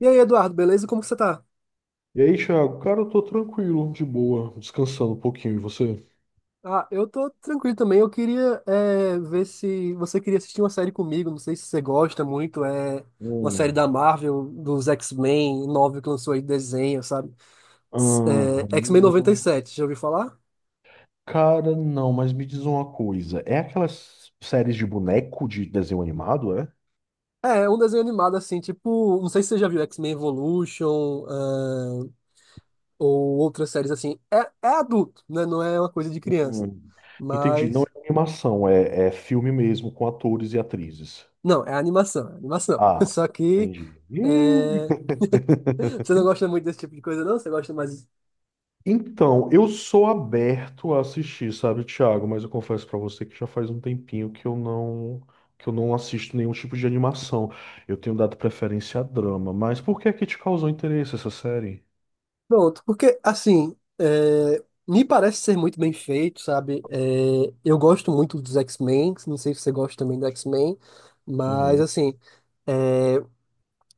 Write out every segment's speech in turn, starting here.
E aí, Eduardo, beleza? Como que você tá? E aí, Thiago? Cara, eu tô tranquilo, de boa, descansando um pouquinho. E você? Ah, eu tô tranquilo também. Eu queria ver se você queria assistir uma série comigo. Não sei se você gosta muito. É uma série da Hum. Marvel, dos X-Men, nova que lançou aí, desenho, sabe? S- Ah, É, X-Men noventa e não. sete, já ouviu falar? Cara, não, mas me diz uma coisa. É aquelas séries de boneco de desenho animado, é? É, é um desenho animado assim, tipo, não sei se você já viu X-Men Evolution, ou outras séries assim. É, é adulto, né? Não é uma coisa de criança. Hum. Entendi, não Mas, é animação, é filme mesmo, com atores e atrizes. não, é animação, é animação. Ah, Só que. entendi. eh, Você não gosta muito desse tipo de coisa, não? Você gosta mais. Então, eu sou aberto a assistir, sabe, Thiago? Mas eu confesso pra você que já faz um tempinho que eu não assisto nenhum tipo de animação. Eu tenho dado preferência a drama, mas por que é que te causou interesse essa série? Pronto, porque assim, me parece ser muito bem feito, sabe? É, eu gosto muito dos X-Men, não sei se você gosta também do X-Men, mas Uhum. assim, é,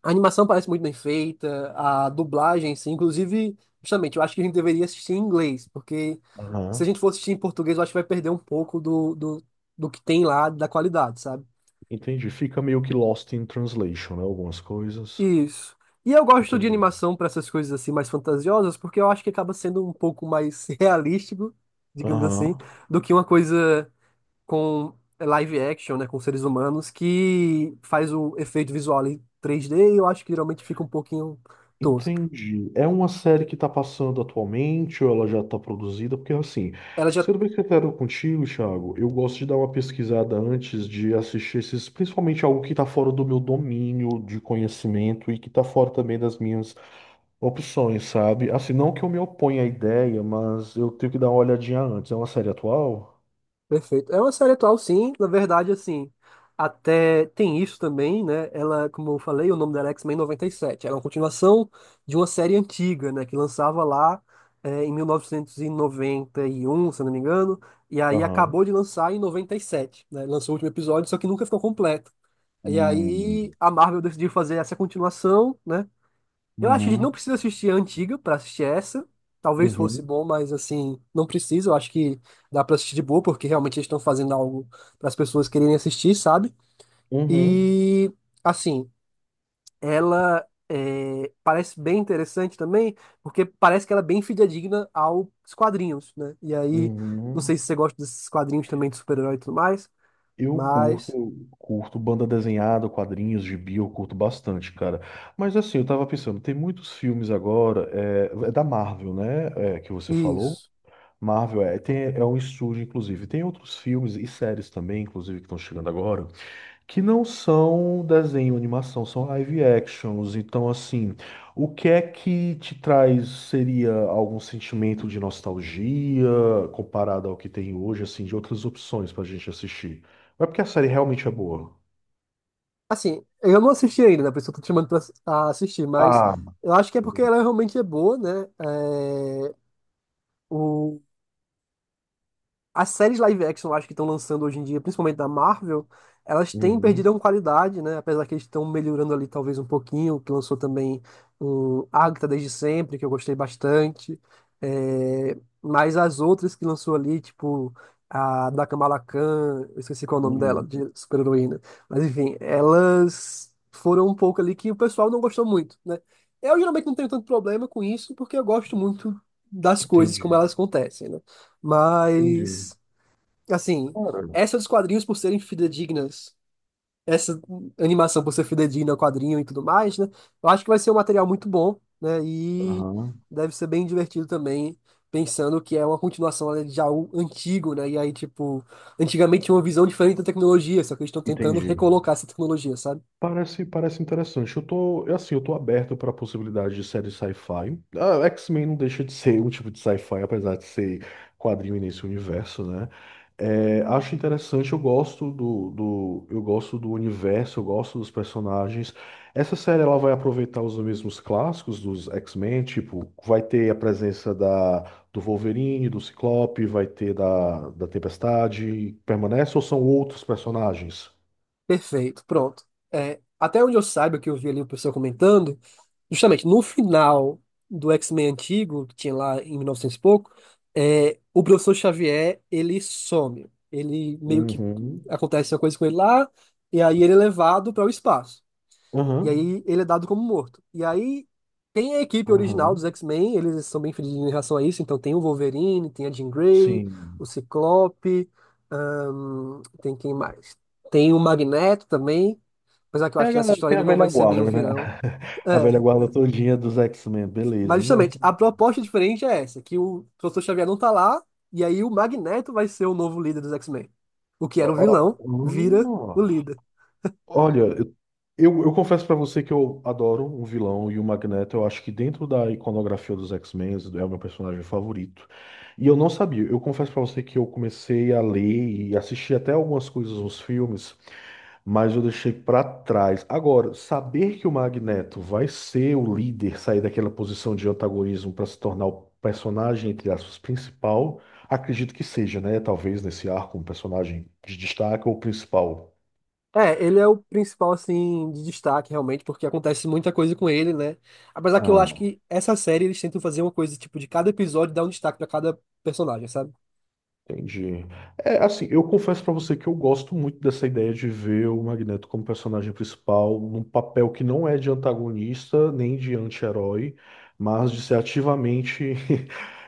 a animação parece muito bem feita, a dublagem, sim. Inclusive, justamente, eu acho que a gente deveria assistir em inglês, porque se a Aham, gente for assistir em português, eu acho que vai perder um pouco do que tem lá, da qualidade, sabe? entendi. Fica meio que Lost in Translation, né? Algumas coisas. Isso. E eu gosto de Entendi. animação para essas coisas assim mais fantasiosas, porque eu acho que acaba sendo um pouco mais realístico, digamos assim, Aham. do que uma coisa com live action, né, com seres humanos, que faz o efeito visual em 3D e eu acho que geralmente fica um pouquinho tosco. Entendi. É uma série que está passando atualmente ou ela já está produzida? Porque assim, Ela já sendo bem sincero contigo, Thiago, eu gosto de dar uma pesquisada antes de assistir esses, principalmente algo que está fora do meu domínio de conhecimento e que está fora também das minhas opções, sabe? Assim, não que eu me oponha à ideia, mas eu tenho que dar uma olhadinha antes. É uma série atual? Perfeito. É uma série atual, sim. Na verdade, assim, até tem isso também, né? Ela, como eu falei, o nome dela é X-Men 97. Ela é uma continuação de uma série antiga, né? Que lançava lá em 1991 se eu não me engano. E aí Aham. acabou de lançar em 97, né? Lançou o último episódio, só que nunca ficou completo. E aí Hum, a Marvel decidiu fazer essa continuação, né? Eu acho que a gente não uhum. precisa assistir a antiga pra assistir essa. Talvez fosse Uhum. bom, mas assim, não precisa. Eu acho que dá pra assistir de boa, porque realmente eles estão fazendo algo para as pessoas quererem assistir, sabe? Uhum. E assim, ela é, parece bem interessante também, porque parece que ela é bem fidedigna aos quadrinhos, né? E aí, não sei Uhum. se você gosta desses quadrinhos também de super-herói e tudo mais, Eu mas curto, curto banda desenhada, quadrinhos, gibi, eu curto bastante, cara. Mas assim, eu tava pensando, tem muitos filmes agora, da Marvel, né? É, que você falou. isso. Marvel é, tem, é um estúdio, inclusive. Tem outros filmes e séries também, inclusive, que estão chegando agora que não são desenho, animação, são live actions. Então, assim, o que é que te traz seria algum sentimento de nostalgia comparado ao que tem hoje, assim, de outras opções pra gente assistir? Ou é porque a série realmente é boa? Assim, eu não assisti ainda, né? Por isso eu tô te chamando pra ass- a assistir, mas Ah, eu acho que é porque ela realmente é boa, né? É, o, as séries live action, eu acho que estão lançando hoje em dia, principalmente da Marvel, elas têm perdido uhum, uma qualidade, né? Apesar que eles estão melhorando ali talvez um pouquinho, que lançou também um Agatha desde sempre, que eu gostei bastante. É, mas as outras que lançou ali, tipo a da Kamala Khan, eu esqueci qual é o nome dela, uhum. de super-heroína. Mas enfim, elas foram um pouco ali que o pessoal não gostou muito, né? Eu geralmente não tenho tanto problema com isso, porque eu gosto muito das coisas como Entendi, elas acontecem, né? entendi. Mas assim, Cara, essa dos quadrinhos por serem fidedignas, essa animação por ser fidedigna ao quadrinho e tudo mais, né? Eu acho que vai ser um material muito bom, né? E aham, deve ser bem divertido também, pensando que é uma continuação, né, de algo antigo, né? E aí, tipo, antigamente tinha uma visão diferente da tecnologia, só que eles estão tentando entendi. recolocar essa tecnologia, sabe? Parece, parece interessante. Eu tô, eu, assim, eu tô aberto para a possibilidade de série sci-fi. Ah, X-Men não deixa de ser um tipo de sci-fi, apesar de ser quadrinho e nesse universo, né? É, acho interessante, eu gosto do, eu gosto do universo, eu gosto dos personagens. Essa série ela vai aproveitar os mesmos clássicos dos X-Men, tipo, vai ter a presença da, do Wolverine, do Ciclope, vai ter da Tempestade. Permanece ou são outros personagens? Perfeito, pronto. É, até onde eu saiba, que eu vi ali o pessoal comentando, justamente no final do X-Men antigo, que tinha lá em 1900 e novecentos e pouco, o professor Xavier, ele some. Ele meio que Uhum. acontece uma coisa com ele lá, e aí ele é levado para o espaço. E Aham. aí ele é dado como morto. E aí tem a equipe original Aham. dos X-Men, eles são bem felizes em relação a isso. Então tem o Wolverine, tem a Jean Grey, Sim. o Ciclope, tem quem mais? Tem o Magneto também, apesar que eu É, acho a que nessa galera história tem a ele não vai velha ser bem o guarda, né? virão. A velha É, guarda é. todinha dos X-Men, Mas beleza. Não. justamente, a proposta diferente é essa, que o Professor Xavier não tá lá, e aí o Magneto vai ser o novo líder dos X-Men. O que Ó, era o ó, vilão, vira hum. o líder. Olha, eu, eu confesso pra você que eu adoro o vilão e o Magneto. Eu acho que dentro da iconografia dos X-Men é o meu personagem favorito. E eu não sabia. Eu confesso pra você que eu comecei a ler e assistir até algumas coisas nos filmes, mas eu deixei para trás. Agora, saber que o Magneto vai ser o líder, sair daquela posição de antagonismo para se tornar o personagem, entre aspas, principal, acredito que seja, né? Talvez nesse arco, um personagem de destaque ou principal. É, ele é o principal, assim, de destaque, realmente, porque acontece muita coisa com ele, né? Apesar que eu acho que essa série eles tentam fazer uma coisa, tipo, de cada episódio dar um destaque pra cada personagem, sabe? Entendi. É, assim, eu confesso pra você que eu gosto muito dessa ideia de ver o Magneto como personagem principal, num papel que não é de antagonista nem de anti-herói, mas de ser ativamente.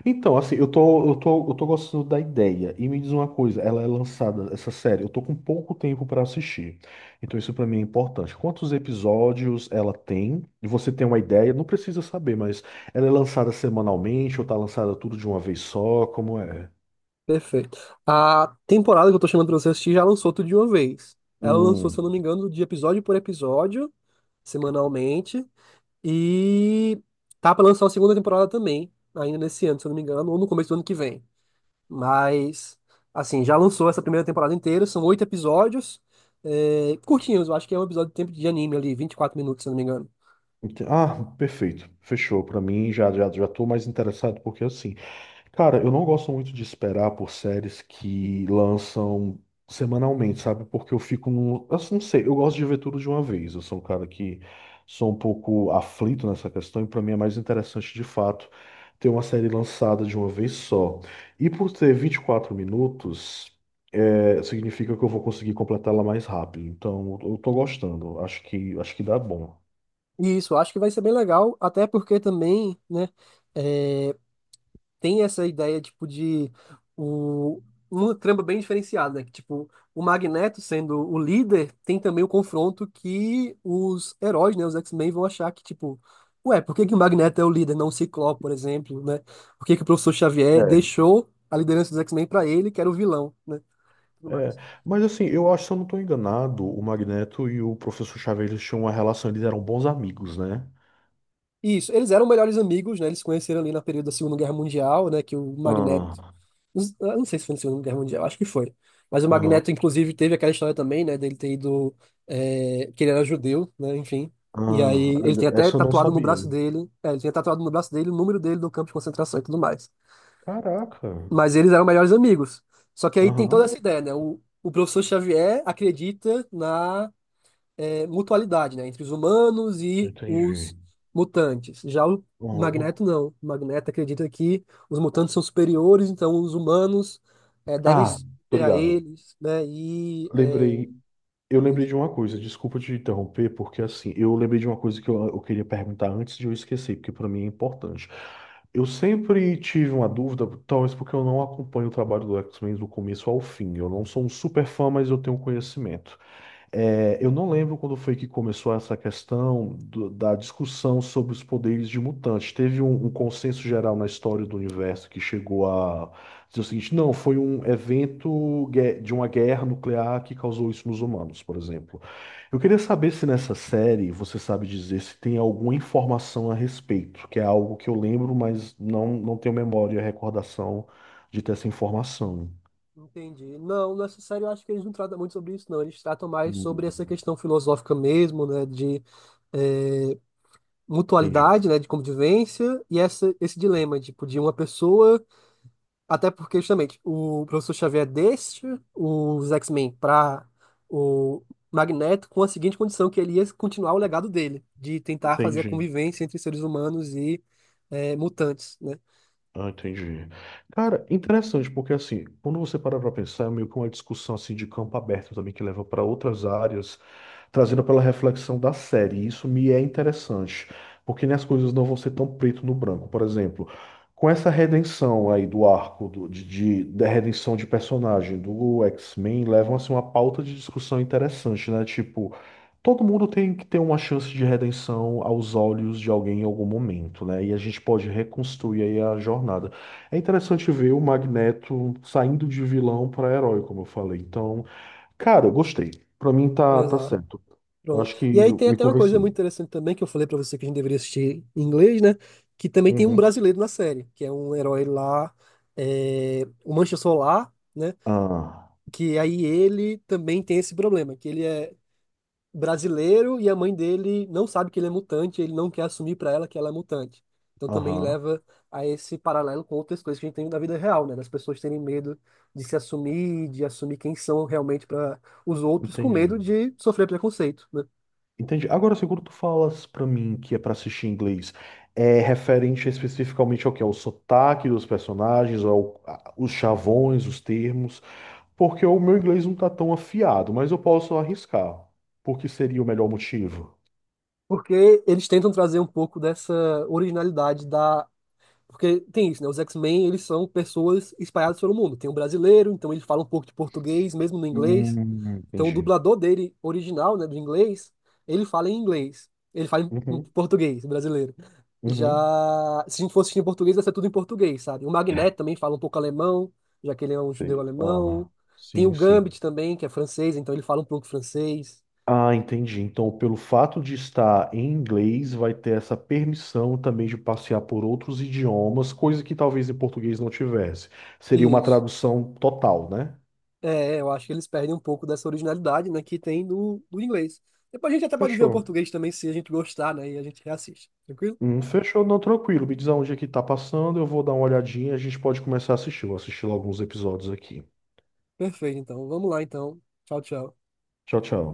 Então, assim, eu tô gostando da ideia. E me diz uma coisa, ela é lançada, essa série, eu tô com pouco tempo pra assistir. Então, isso pra mim é importante. Quantos episódios ela tem? E você tem uma ideia? Não precisa saber, mas ela é lançada semanalmente ou tá lançada tudo de uma vez só? Como é? Perfeito. A temporada que eu tô chamando pra você assistir já lançou tudo de uma vez. Ela lançou, se eu não Hum, me engano, de episódio por episódio, semanalmente. E tá pra lançar a segunda temporada também, ainda nesse ano, se eu não me engano, ou no começo do ano que vem. Mas, assim, já lançou essa primeira temporada inteira, são 8 episódios, curtinhos, eu acho que é um episódio de tempo de anime ali, 24 minutos, se eu não me engano. ente- ah, perfeito. Fechou. Pra mim já tô mais interessado porque assim, cara, eu não gosto muito de esperar por séries que lançam semanalmente, sabe? Porque eu fico num, assim, não sei, eu gosto de ver tudo de uma vez. Eu sou um cara que sou um pouco aflito nessa questão e pra mim é mais interessante de fato ter uma série lançada de uma vez só. E por ter 24 minutos, é, significa que eu vou conseguir completá-la mais rápido. Então, eu tô gostando. Acho que dá bom. E isso, eu acho que vai ser bem legal, até porque também, né, é, tem essa ideia, tipo, de o, uma trama bem diferenciada, né? Que, tipo, o Magneto sendo o líder, tem também o confronto que os heróis, né, os X-Men vão achar que, tipo, ué, por que que o Magneto é o líder, não o Ciclope, por exemplo, né? Por que que o professor Xavier É. deixou a liderança dos X-Men pra ele, que era o vilão, né? Tudo É, mais. mas assim, eu acho, se eu não estou enganado, o Magneto e o Professor Xavier eles tinham uma relação, eles eram bons amigos, né? Isso, eles eram melhores amigos, né? Eles se conheceram ali na período da Segunda Guerra Mundial, né? Que o Magneto Ah, eu não sei se foi na Segunda Guerra Mundial, acho que foi. Mas o aham, Magneto, inclusive, teve aquela história também, né, dele ter ido, que ele era judeu, né, enfim. E ah, aí ele tem até essa eu não tatuado no sabia. braço dele, ele tinha tatuado no braço dele o número dele do campo de concentração e tudo mais. Caraca, Mas eles eram melhores amigos. Só que aí tem toda aham, essa ideia, né? O professor Xavier acredita na mutualidade, né, entre os humanos e entendi. os mutantes. Já o Aham. Magneto não. O Magneto acredita que os mutantes são superiores, então os humanos devem Ah, se tô ter a ligado. eles, né? E Lembrei, eu lembrei isso. de uma coisa, desculpa te interromper, porque assim, eu lembrei de uma coisa que eu queria perguntar antes de eu esquecer, porque para mim é importante. Eu sempre tive uma dúvida, talvez porque eu não acompanho o trabalho do X-Men do começo ao fim. Eu não sou um super fã, mas eu tenho um conhecimento. É, eu não lembro quando foi que começou essa questão do- da discussão sobre os poderes de mutantes. Teve um consenso geral na história do universo que chegou a dizer o seguinte: não, foi um evento gue- de uma guerra nuclear que causou isso nos humanos, por exemplo. Eu queria saber se nessa série você sabe dizer se tem alguma informação a respeito, que é algo que eu lembro, mas não, não tenho memória e recordação de ter essa informação. Entendi. Não, nessa série eu acho que eles não tratam muito sobre isso, não. Eles tratam mais sobre essa Hum, questão filosófica mesmo, né, de é, entendi. mutualidade, né, de convivência e essa, esse dilema, tipo, de uma pessoa. Até porque, justamente, o professor Xavier deixa os X-Men para o Magneto com a seguinte condição, que ele ia continuar o legado dele, de tentar fazer a Entendi. convivência entre seres humanos e mutantes, né? Ah, entendi. Cara, interessante, porque assim, quando você para pra pensar, é meio que uma discussão assim de campo aberto também que leva para outras áreas, trazendo pela reflexão da série. E isso me é interessante, porque né, as coisas não vão ser tão preto no branco. Por exemplo, com essa redenção aí do arco do- da redenção de personagem do X-Men, levam assim uma pauta de discussão interessante, né? Tipo, todo mundo tem que ter uma chance de redenção aos olhos de alguém em algum momento, né? E a gente pode reconstruir aí a jornada. É interessante ver o Magneto saindo de vilão para herói, como eu falei. Então, cara, eu gostei. Pra mim tá, tá Exato. certo. Eu Pronto. acho que E aí tem me até uma coisa muito convenceu. interessante também, que eu falei para você que a gente deveria assistir em inglês, né? Que também tem um Uhum. brasileiro na série, que é um herói lá, o Mancha Solar, né? Ah, Que aí ele também tem esse problema, que ele é brasileiro e a mãe dele não sabe que ele é mutante, ele não quer assumir para ela que ela é mutante. Então também aham, leva a esse paralelo com outras coisas que a gente tem na vida real, né? Das pessoas terem medo de se assumir, de assumir quem são realmente para os outros, com entendi. medo de sofrer preconceito, né? Entendi. Agora, se quando tu falas pra mim que é pra assistir em inglês, é referente especificamente ao que? Ao sotaque dos personagens, ao, a- os chavões, os termos. Porque o meu inglês não está tão afiado, mas eu posso arriscar. Porque seria o melhor motivo. Porque eles tentam trazer um pouco dessa originalidade da Porque tem isso, né? Os X-Men, eles são pessoas espalhadas pelo mundo. Tem um brasileiro, então ele fala um pouco de português, mesmo no inglês. Então o Entendi. dublador dele, original, né, do inglês, ele fala em inglês. Ele fala em Uhum, português, brasileiro. uhum. Já, se a gente fosse assistir em português, ia ser tudo em português, sabe? O Magneto também fala um pouco alemão, já que ele é um judeu Entendi. alemão. Ah, Tem o sim, sim. Gambit também, que é francês, então ele fala um pouco francês. Ah, entendi. Então, pelo fato de estar em inglês, vai ter essa permissão também de passear por outros idiomas, coisa que talvez em português não tivesse. Seria uma Isso. tradução total, né? É, eu acho que eles perdem um pouco dessa originalidade, né, que tem do inglês. Depois a gente até pode ver o Fechou. português também, se a gente gostar, né, e a gente reassiste. Tranquilo? Fechou, não, tranquilo. Me diz aonde é que tá passando, eu vou dar uma olhadinha e a gente pode começar a assistir. Eu vou assistir alguns episódios aqui. Perfeito, então. Vamos lá, então. Tchau, tchau. Tchau, tchau.